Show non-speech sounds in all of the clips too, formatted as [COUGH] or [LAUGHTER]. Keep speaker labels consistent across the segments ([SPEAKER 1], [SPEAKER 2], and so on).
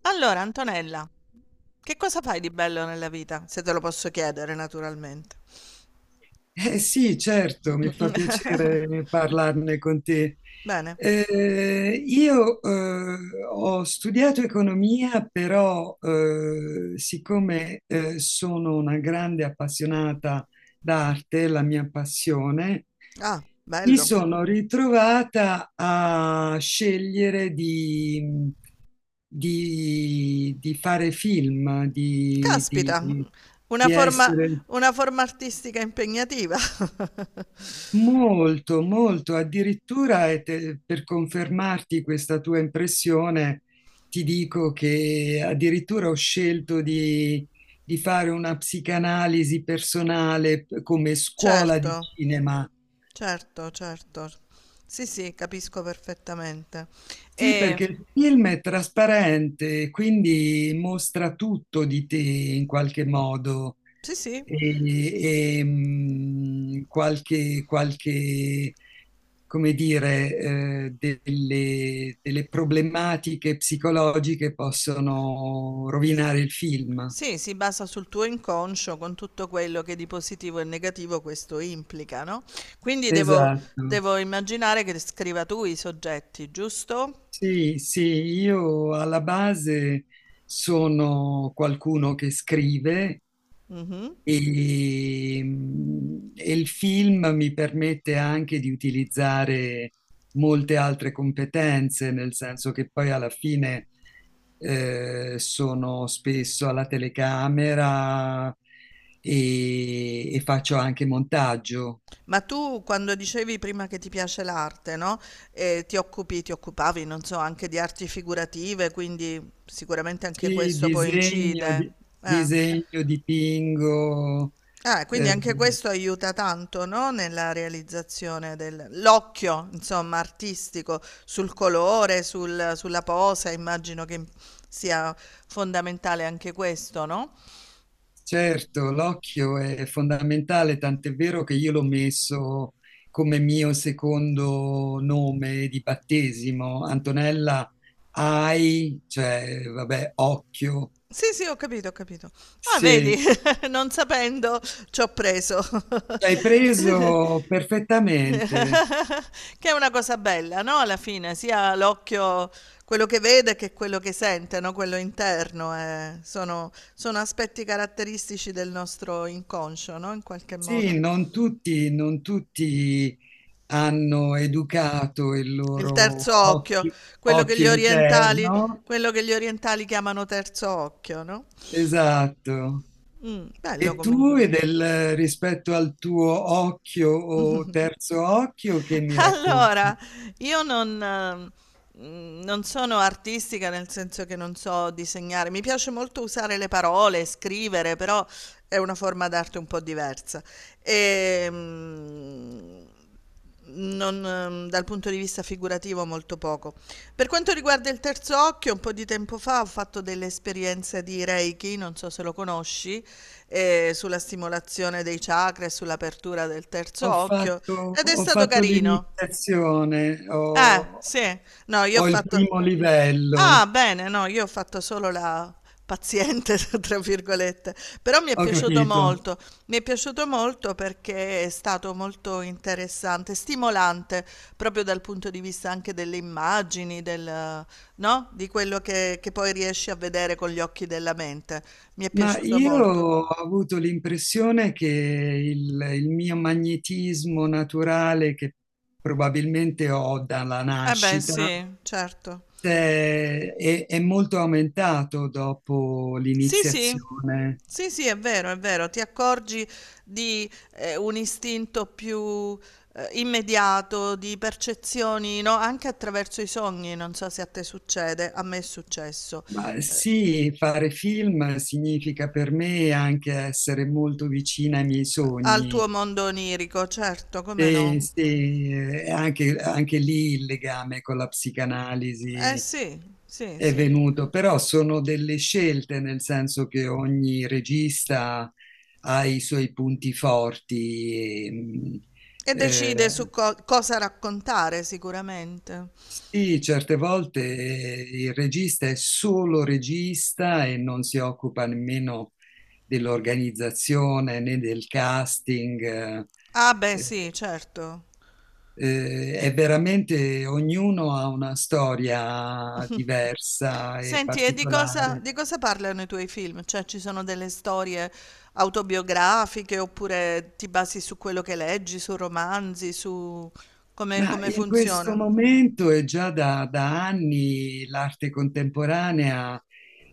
[SPEAKER 1] Allora, Antonella, che cosa fai di bello nella vita? Se te lo posso chiedere, naturalmente.
[SPEAKER 2] Eh sì, certo, mi fa piacere parlarne con te.
[SPEAKER 1] Bene.
[SPEAKER 2] Io ho studiato economia, però siccome sono una grande appassionata d'arte, la mia passione,
[SPEAKER 1] Ah,
[SPEAKER 2] mi
[SPEAKER 1] bello.
[SPEAKER 2] sono ritrovata a scegliere di fare film, di,
[SPEAKER 1] Caspita,
[SPEAKER 2] di-
[SPEAKER 1] una
[SPEAKER 2] di
[SPEAKER 1] forma,
[SPEAKER 2] essere
[SPEAKER 1] una forma artistica impegnativa. [LAUGHS]
[SPEAKER 2] molto, molto, addirittura per confermarti questa tua impressione, ti dico che addirittura ho scelto di fare una psicanalisi personale come scuola di
[SPEAKER 1] Certo,
[SPEAKER 2] cinema.
[SPEAKER 1] certo, certo. Sì, sì, capisco perfettamente.
[SPEAKER 2] Sì,
[SPEAKER 1] E
[SPEAKER 2] perché il film è trasparente, quindi mostra tutto di te in qualche modo.
[SPEAKER 1] sì, sì,
[SPEAKER 2] E, qualche, qualche, come dire, delle, delle problematiche psicologiche possono rovinare il film.
[SPEAKER 1] sì, si basa sul tuo inconscio con tutto quello che di positivo e negativo questo implica, no? Quindi devo,
[SPEAKER 2] Esatto.
[SPEAKER 1] devo immaginare che scriva tu i soggetti, giusto?
[SPEAKER 2] Sì, sì, io alla base sono qualcuno che scrive.
[SPEAKER 1] Mhm.
[SPEAKER 2] E il film mi permette anche di utilizzare molte altre competenze, nel senso che poi alla fine sono spesso alla telecamera e faccio anche montaggio.
[SPEAKER 1] Ma tu quando dicevi prima che ti piace l'arte, no? Ti occupi, ti occupavi, non so, anche di arti figurative, quindi sicuramente anche
[SPEAKER 2] Sì,
[SPEAKER 1] questo poi
[SPEAKER 2] disegno,
[SPEAKER 1] incide. Eh.
[SPEAKER 2] disegno, dipingo.
[SPEAKER 1] Ah, quindi
[SPEAKER 2] eh,
[SPEAKER 1] anche questo aiuta tanto, no? Nella realizzazione dell'occhio, insomma, artistico, sul colore, sulla posa, immagino che sia fondamentale anche questo, no?
[SPEAKER 2] Certo, l'occhio è fondamentale, tant'è vero che io l'ho messo come mio secondo nome di battesimo. Antonella, hai, cioè, vabbè, occhio.
[SPEAKER 1] Sì, sì, ho capito, ho capito. Ah, vedi,
[SPEAKER 2] Sì,
[SPEAKER 1] [LAUGHS] non sapendo ci ho preso. [LAUGHS]
[SPEAKER 2] hai preso
[SPEAKER 1] [LAUGHS]
[SPEAKER 2] perfettamente.
[SPEAKER 1] Che è una cosa bella, no, alla fine, sia l'occhio quello che vede che quello che sente, no, quello interno, sono aspetti caratteristici del nostro inconscio, no, in qualche modo.
[SPEAKER 2] Sì, non tutti, non tutti hanno educato il
[SPEAKER 1] Il
[SPEAKER 2] loro
[SPEAKER 1] terzo occhio,
[SPEAKER 2] occhio,
[SPEAKER 1] quello che
[SPEAKER 2] occhio
[SPEAKER 1] gli orientali
[SPEAKER 2] interno.
[SPEAKER 1] quello che gli orientali chiamano terzo occhio, no.
[SPEAKER 2] Esatto.
[SPEAKER 1] Bello
[SPEAKER 2] E tu
[SPEAKER 1] comunque.
[SPEAKER 2] e del rispetto al tuo occhio o terzo occhio che
[SPEAKER 1] [LAUGHS]
[SPEAKER 2] mi
[SPEAKER 1] Allora,
[SPEAKER 2] racconti?
[SPEAKER 1] io non, non sono artistica nel senso che non so disegnare. Mi piace molto usare le parole, scrivere, però è una forma d'arte un po' diversa. Ehm, non, dal punto di vista figurativo molto poco. Per quanto riguarda il terzo occhio, un po' di tempo fa ho fatto delle esperienze di Reiki, non so se lo conosci, sulla stimolazione dei chakra e sull'apertura del terzo occhio ed è
[SPEAKER 2] Ho
[SPEAKER 1] stato
[SPEAKER 2] fatto
[SPEAKER 1] carino.
[SPEAKER 2] l'iniziazione, ho,
[SPEAKER 1] Sì. No, io ho
[SPEAKER 2] ho il
[SPEAKER 1] fatto.
[SPEAKER 2] primo livello,
[SPEAKER 1] Ah, bene, no, io ho fatto solo la paziente, [LAUGHS] tra virgolette, però mi è
[SPEAKER 2] ho
[SPEAKER 1] piaciuto
[SPEAKER 2] capito.
[SPEAKER 1] molto, mi è piaciuto molto perché è stato molto interessante, stimolante, proprio dal punto di vista anche delle immagini, del, no? Di quello che poi riesci a vedere con gli occhi della mente. Mi è
[SPEAKER 2] Ma
[SPEAKER 1] piaciuto
[SPEAKER 2] io
[SPEAKER 1] molto.
[SPEAKER 2] ho avuto l'impressione che il mio magnetismo naturale, che probabilmente ho dalla
[SPEAKER 1] Eh beh,
[SPEAKER 2] nascita,
[SPEAKER 1] sì, certo.
[SPEAKER 2] è molto aumentato dopo
[SPEAKER 1] Sì, sì,
[SPEAKER 2] l'iniziazione.
[SPEAKER 1] sì, sì, è vero, ti accorgi di un istinto più immediato, di percezioni, no? Anche attraverso i sogni, non so se a te succede, a me è successo.
[SPEAKER 2] Ma
[SPEAKER 1] Eh,
[SPEAKER 2] sì, fare film significa per me anche essere molto vicina ai miei
[SPEAKER 1] al
[SPEAKER 2] sogni.
[SPEAKER 1] tuo mondo onirico, certo, come
[SPEAKER 2] E
[SPEAKER 1] no?
[SPEAKER 2] sì, anche, anche lì il legame con la
[SPEAKER 1] Eh
[SPEAKER 2] psicanalisi
[SPEAKER 1] sì, sì,
[SPEAKER 2] è
[SPEAKER 1] sì.
[SPEAKER 2] venuto, però sono delle scelte, nel senso che ogni regista ha i suoi punti forti.
[SPEAKER 1] E decide
[SPEAKER 2] Eh,
[SPEAKER 1] su cosa raccontare sicuramente.
[SPEAKER 2] sì, certe volte il regista è solo regista e non si occupa nemmeno dell'organizzazione né del casting.
[SPEAKER 1] Ah, beh,
[SPEAKER 2] Eh,
[SPEAKER 1] sì, certo.
[SPEAKER 2] è veramente ognuno ha una storia diversa e
[SPEAKER 1] Senti, e
[SPEAKER 2] particolare.
[SPEAKER 1] di cosa parlano i tuoi film? Cioè, ci sono delle storie autobiografiche oppure ti basi su quello che leggi, su romanzi, su come,
[SPEAKER 2] Ma
[SPEAKER 1] come
[SPEAKER 2] in questo
[SPEAKER 1] funziona?
[SPEAKER 2] momento e già da anni l'arte contemporanea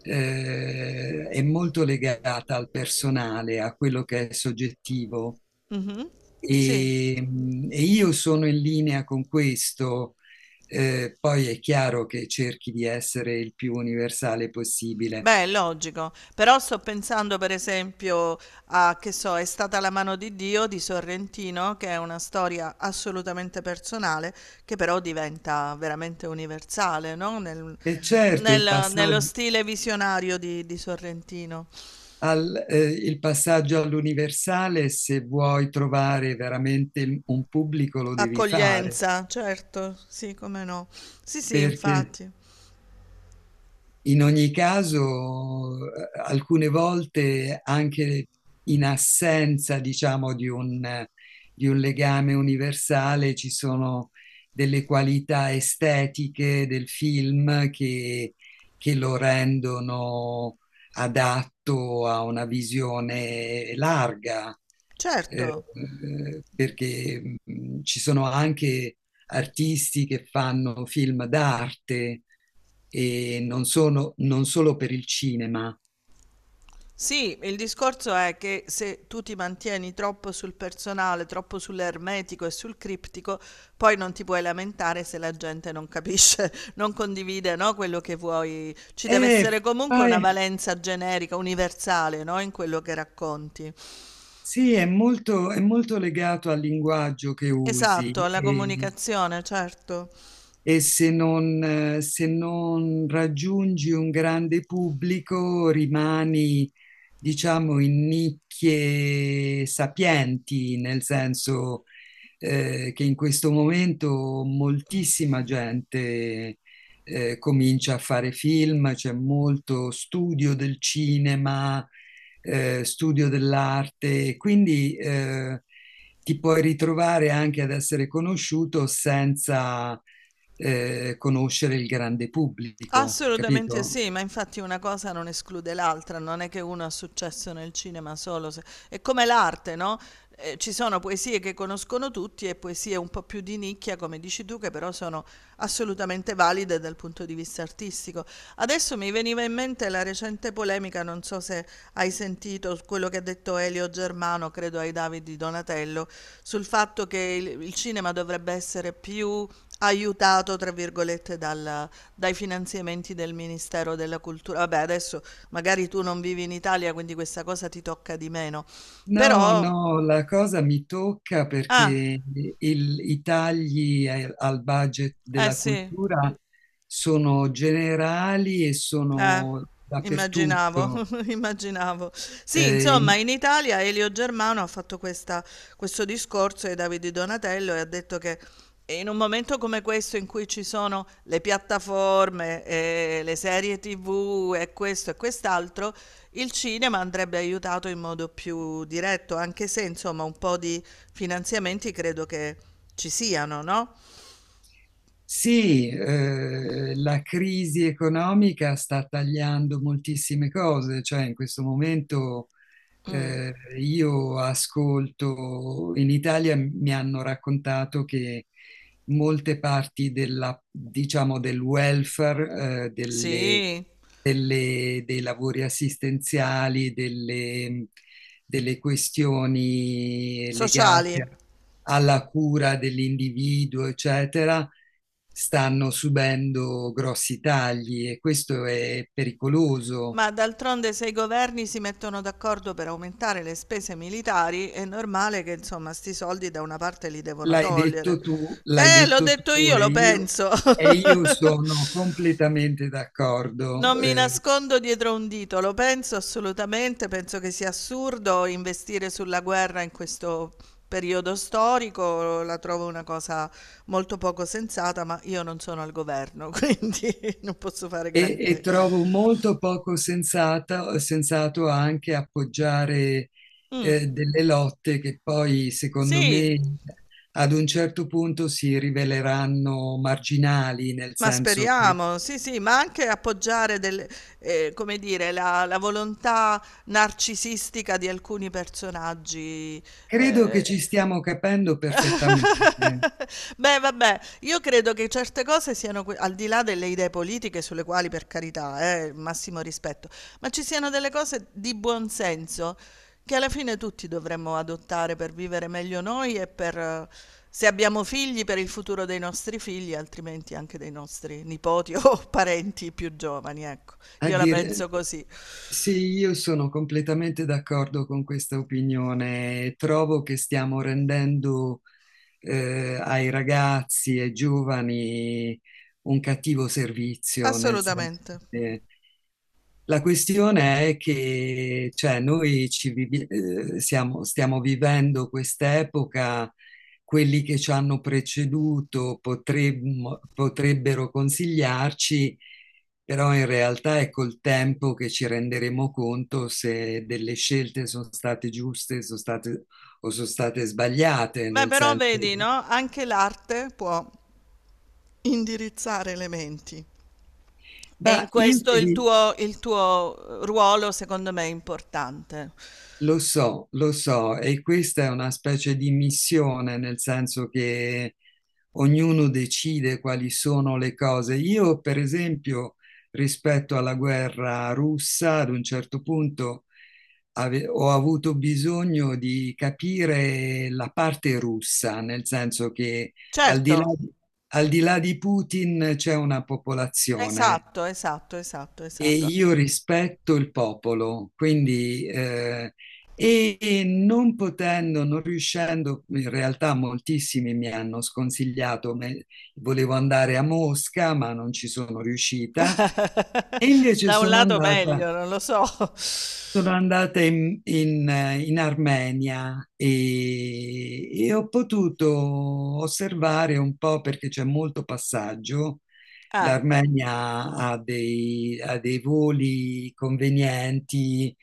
[SPEAKER 2] è molto legata al personale, a quello che è soggettivo.
[SPEAKER 1] Mhm. Sì,
[SPEAKER 2] E io sono in linea con questo. Poi è chiaro che cerchi di essere il più universale possibile.
[SPEAKER 1] beh, è logico. Però sto pensando, per esempio, a, che so, È stata la mano di Dio di Sorrentino, che è una storia assolutamente personale, che però diventa veramente universale, no?
[SPEAKER 2] E certo, il
[SPEAKER 1] Nello
[SPEAKER 2] passaggio,
[SPEAKER 1] stile visionario di Sorrentino.
[SPEAKER 2] il passaggio all'universale, se vuoi trovare veramente un pubblico, lo devi fare,
[SPEAKER 1] Accoglienza, certo, sì, come no. Sì, sì,
[SPEAKER 2] perché
[SPEAKER 1] infatti.
[SPEAKER 2] in ogni caso, alcune volte anche in assenza, diciamo, di un legame universale, ci sono delle qualità estetiche del film che lo rendono adatto a una visione larga, eh,
[SPEAKER 1] Certo.
[SPEAKER 2] perché ci sono anche artisti che fanno film d'arte e non sono, non solo per il cinema.
[SPEAKER 1] Sì, il discorso è che se tu ti mantieni troppo sul personale, troppo sull'ermetico e sul criptico, poi non ti puoi lamentare se la gente non capisce, [LAUGHS] non condivide, no, quello che vuoi. Ci deve
[SPEAKER 2] È,
[SPEAKER 1] essere comunque una
[SPEAKER 2] fa-
[SPEAKER 1] valenza generica, universale, no, in quello che racconti.
[SPEAKER 2] sì, è molto legato al linguaggio che usi
[SPEAKER 1] Esatto, alla comunicazione, certo.
[SPEAKER 2] e se non, se non raggiungi un grande pubblico rimani, diciamo, in nicchie sapienti, nel senso che in questo momento moltissima gente comincia a fare film, c'è molto studio del cinema, studio dell'arte, quindi ti puoi ritrovare anche ad essere conosciuto senza conoscere il grande pubblico,
[SPEAKER 1] Assolutamente
[SPEAKER 2] capito?
[SPEAKER 1] sì, ma infatti una cosa non esclude l'altra, non è che uno ha successo nel cinema solo, se- è come l'arte, no? Ci sono poesie che conoscono tutti e poesie un po' più di nicchia, come dici tu, che però sono assolutamente valide dal punto di vista artistico. Adesso mi veniva in mente la recente polemica, non so so se hai sentito quello che ha detto Elio Germano, credo ai Davidi Donatello, sul fatto che il cinema dovrebbe essere più aiutato, tra virgolette, dai finanziamenti del Ministero della Cultura. Vabbè, adesso magari tu non vivi in Italia, quindi questa cosa ti tocca di meno.
[SPEAKER 2] No, no,
[SPEAKER 1] Però,
[SPEAKER 2] la cosa mi tocca
[SPEAKER 1] ah,
[SPEAKER 2] perché i tagli al budget
[SPEAKER 1] eh
[SPEAKER 2] della
[SPEAKER 1] sì.
[SPEAKER 2] cultura sono generali e
[SPEAKER 1] Eh,
[SPEAKER 2] sono
[SPEAKER 1] immaginavo,
[SPEAKER 2] dappertutto.
[SPEAKER 1] [LAUGHS] immaginavo. Sì,
[SPEAKER 2] Eh,
[SPEAKER 1] insomma,
[SPEAKER 2] in-
[SPEAKER 1] in Italia Elio Germano ha fatto questo discorso ai Davide Donatello e ha detto che in un momento come questo in cui ci sono le piattaforme, e le serie TV e questo e quest'altro, il cinema andrebbe aiutato in modo più diretto, anche se, insomma, un po' di finanziamenti credo che ci siano, no?
[SPEAKER 2] sì, la crisi economica sta tagliando moltissime cose, cioè in questo momento
[SPEAKER 1] Mm,
[SPEAKER 2] Eh, io ascolto, in Italia mi hanno raccontato che molte parti della, diciamo, del welfare,
[SPEAKER 1] sì,
[SPEAKER 2] dei lavori assistenziali, delle questioni legate
[SPEAKER 1] sociali.
[SPEAKER 2] a alla cura dell'individuo, eccetera, stanno subendo grossi tagli e questo è pericoloso.
[SPEAKER 1] Ma d'altronde se i governi si mettono d'accordo per aumentare le spese militari, è normale che insomma 'sti soldi da una parte li devono togliere.
[SPEAKER 2] L'hai
[SPEAKER 1] L'ho
[SPEAKER 2] detto
[SPEAKER 1] detto
[SPEAKER 2] tu
[SPEAKER 1] io, lo penso.
[SPEAKER 2] e io
[SPEAKER 1] [LAUGHS]
[SPEAKER 2] sono completamente d'accordo.
[SPEAKER 1] Non mi nascondo dietro un dito, lo penso assolutamente, penso che sia assurdo investire sulla guerra in questo periodo storico, la trovo una cosa molto poco sensata, ma io non sono al governo, quindi [LAUGHS] non posso fare
[SPEAKER 2] E
[SPEAKER 1] granché.
[SPEAKER 2] trovo molto poco sensato anche appoggiare
[SPEAKER 1] Mh,
[SPEAKER 2] delle lotte che poi, secondo
[SPEAKER 1] sì.
[SPEAKER 2] me, ad un certo punto si riveleranno marginali, nel
[SPEAKER 1] Ma
[SPEAKER 2] senso che
[SPEAKER 1] speriamo, sì, sì, ma anche appoggiare del come dire, la volontà narcisistica di alcuni personaggi,
[SPEAKER 2] credo
[SPEAKER 1] ehm
[SPEAKER 2] che ci stiamo capendo perfettamente.
[SPEAKER 1] [LAUGHS] Beh, vabbè, io credo che certe cose siano, que- al di là delle idee politiche, sulle quali per carità, massimo rispetto, ma ci siano delle cose di buon senso che alla fine tutti dovremmo adottare per vivere meglio noi e per, se abbiamo figli, per il futuro dei nostri figli, altrimenti anche dei nostri nipoti [LAUGHS] o parenti più giovani, ecco.
[SPEAKER 2] A
[SPEAKER 1] Io la
[SPEAKER 2] dire,
[SPEAKER 1] penso così.
[SPEAKER 2] sì, io sono completamente d'accordo con questa opinione. Trovo che stiamo rendendo ai ragazzi e giovani un cattivo servizio, nel senso
[SPEAKER 1] Assolutamente.
[SPEAKER 2] che la questione è che cioè, noi ci vivi- siamo- stiamo vivendo quest'epoca. Quelli che ci hanno preceduto potrebbero consigliarci, però in realtà è col tempo che ci renderemo conto se delle scelte sono state giuste, sono state o sono state sbagliate,
[SPEAKER 1] Beh,
[SPEAKER 2] nel
[SPEAKER 1] però
[SPEAKER 2] senso...
[SPEAKER 1] vedi, no? Anche l'arte può indirizzare le menti. E in
[SPEAKER 2] Ma io
[SPEAKER 1] questo
[SPEAKER 2] ti
[SPEAKER 1] il
[SPEAKER 2] di-
[SPEAKER 1] tuo il tuo ruolo secondo me è importante.
[SPEAKER 2] lo so, e questa è una specie di missione, nel senso che ognuno decide quali sono le cose. Io, per esempio, rispetto alla guerra russa, ad un certo punto ho avuto bisogno di capire la parte russa, nel senso che al di là,
[SPEAKER 1] Certo,
[SPEAKER 2] di, al di là di Putin c'è una popolazione
[SPEAKER 1] esatto, esatto, esatto,
[SPEAKER 2] e
[SPEAKER 1] esatto.
[SPEAKER 2] io rispetto il popolo, quindi e non potendo, non riuscendo, in realtà moltissimi mi hanno sconsigliato, volevo andare a Mosca, ma non ci sono riuscita, e
[SPEAKER 1] [LAUGHS]
[SPEAKER 2] invece
[SPEAKER 1] Da un
[SPEAKER 2] sono
[SPEAKER 1] lato
[SPEAKER 2] andata.
[SPEAKER 1] meglio, non lo so.
[SPEAKER 2] Sono andata in Armenia e ho potuto osservare un po' perché c'è molto passaggio.
[SPEAKER 1] Eh,
[SPEAKER 2] L'Armenia ha dei voli convenienti,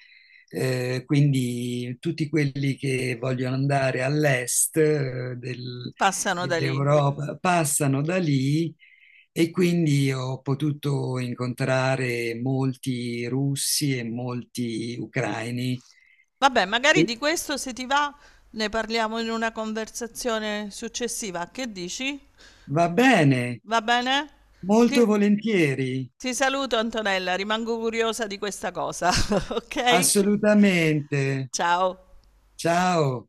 [SPEAKER 2] quindi tutti quelli che vogliono andare all'est,
[SPEAKER 1] passano da lì.
[SPEAKER 2] dell'Europa passano da lì e quindi ho potuto incontrare molti russi e molti ucraini.
[SPEAKER 1] Vabbè, magari
[SPEAKER 2] E
[SPEAKER 1] di questo se ti va ne parliamo in una conversazione successiva. Che dici?
[SPEAKER 2] va bene,
[SPEAKER 1] Va bene? Ti
[SPEAKER 2] molto volentieri,
[SPEAKER 1] ti saluto Antonella, rimango curiosa di questa cosa, [LAUGHS] okay?
[SPEAKER 2] assolutamente.
[SPEAKER 1] Ciao.
[SPEAKER 2] Ciao.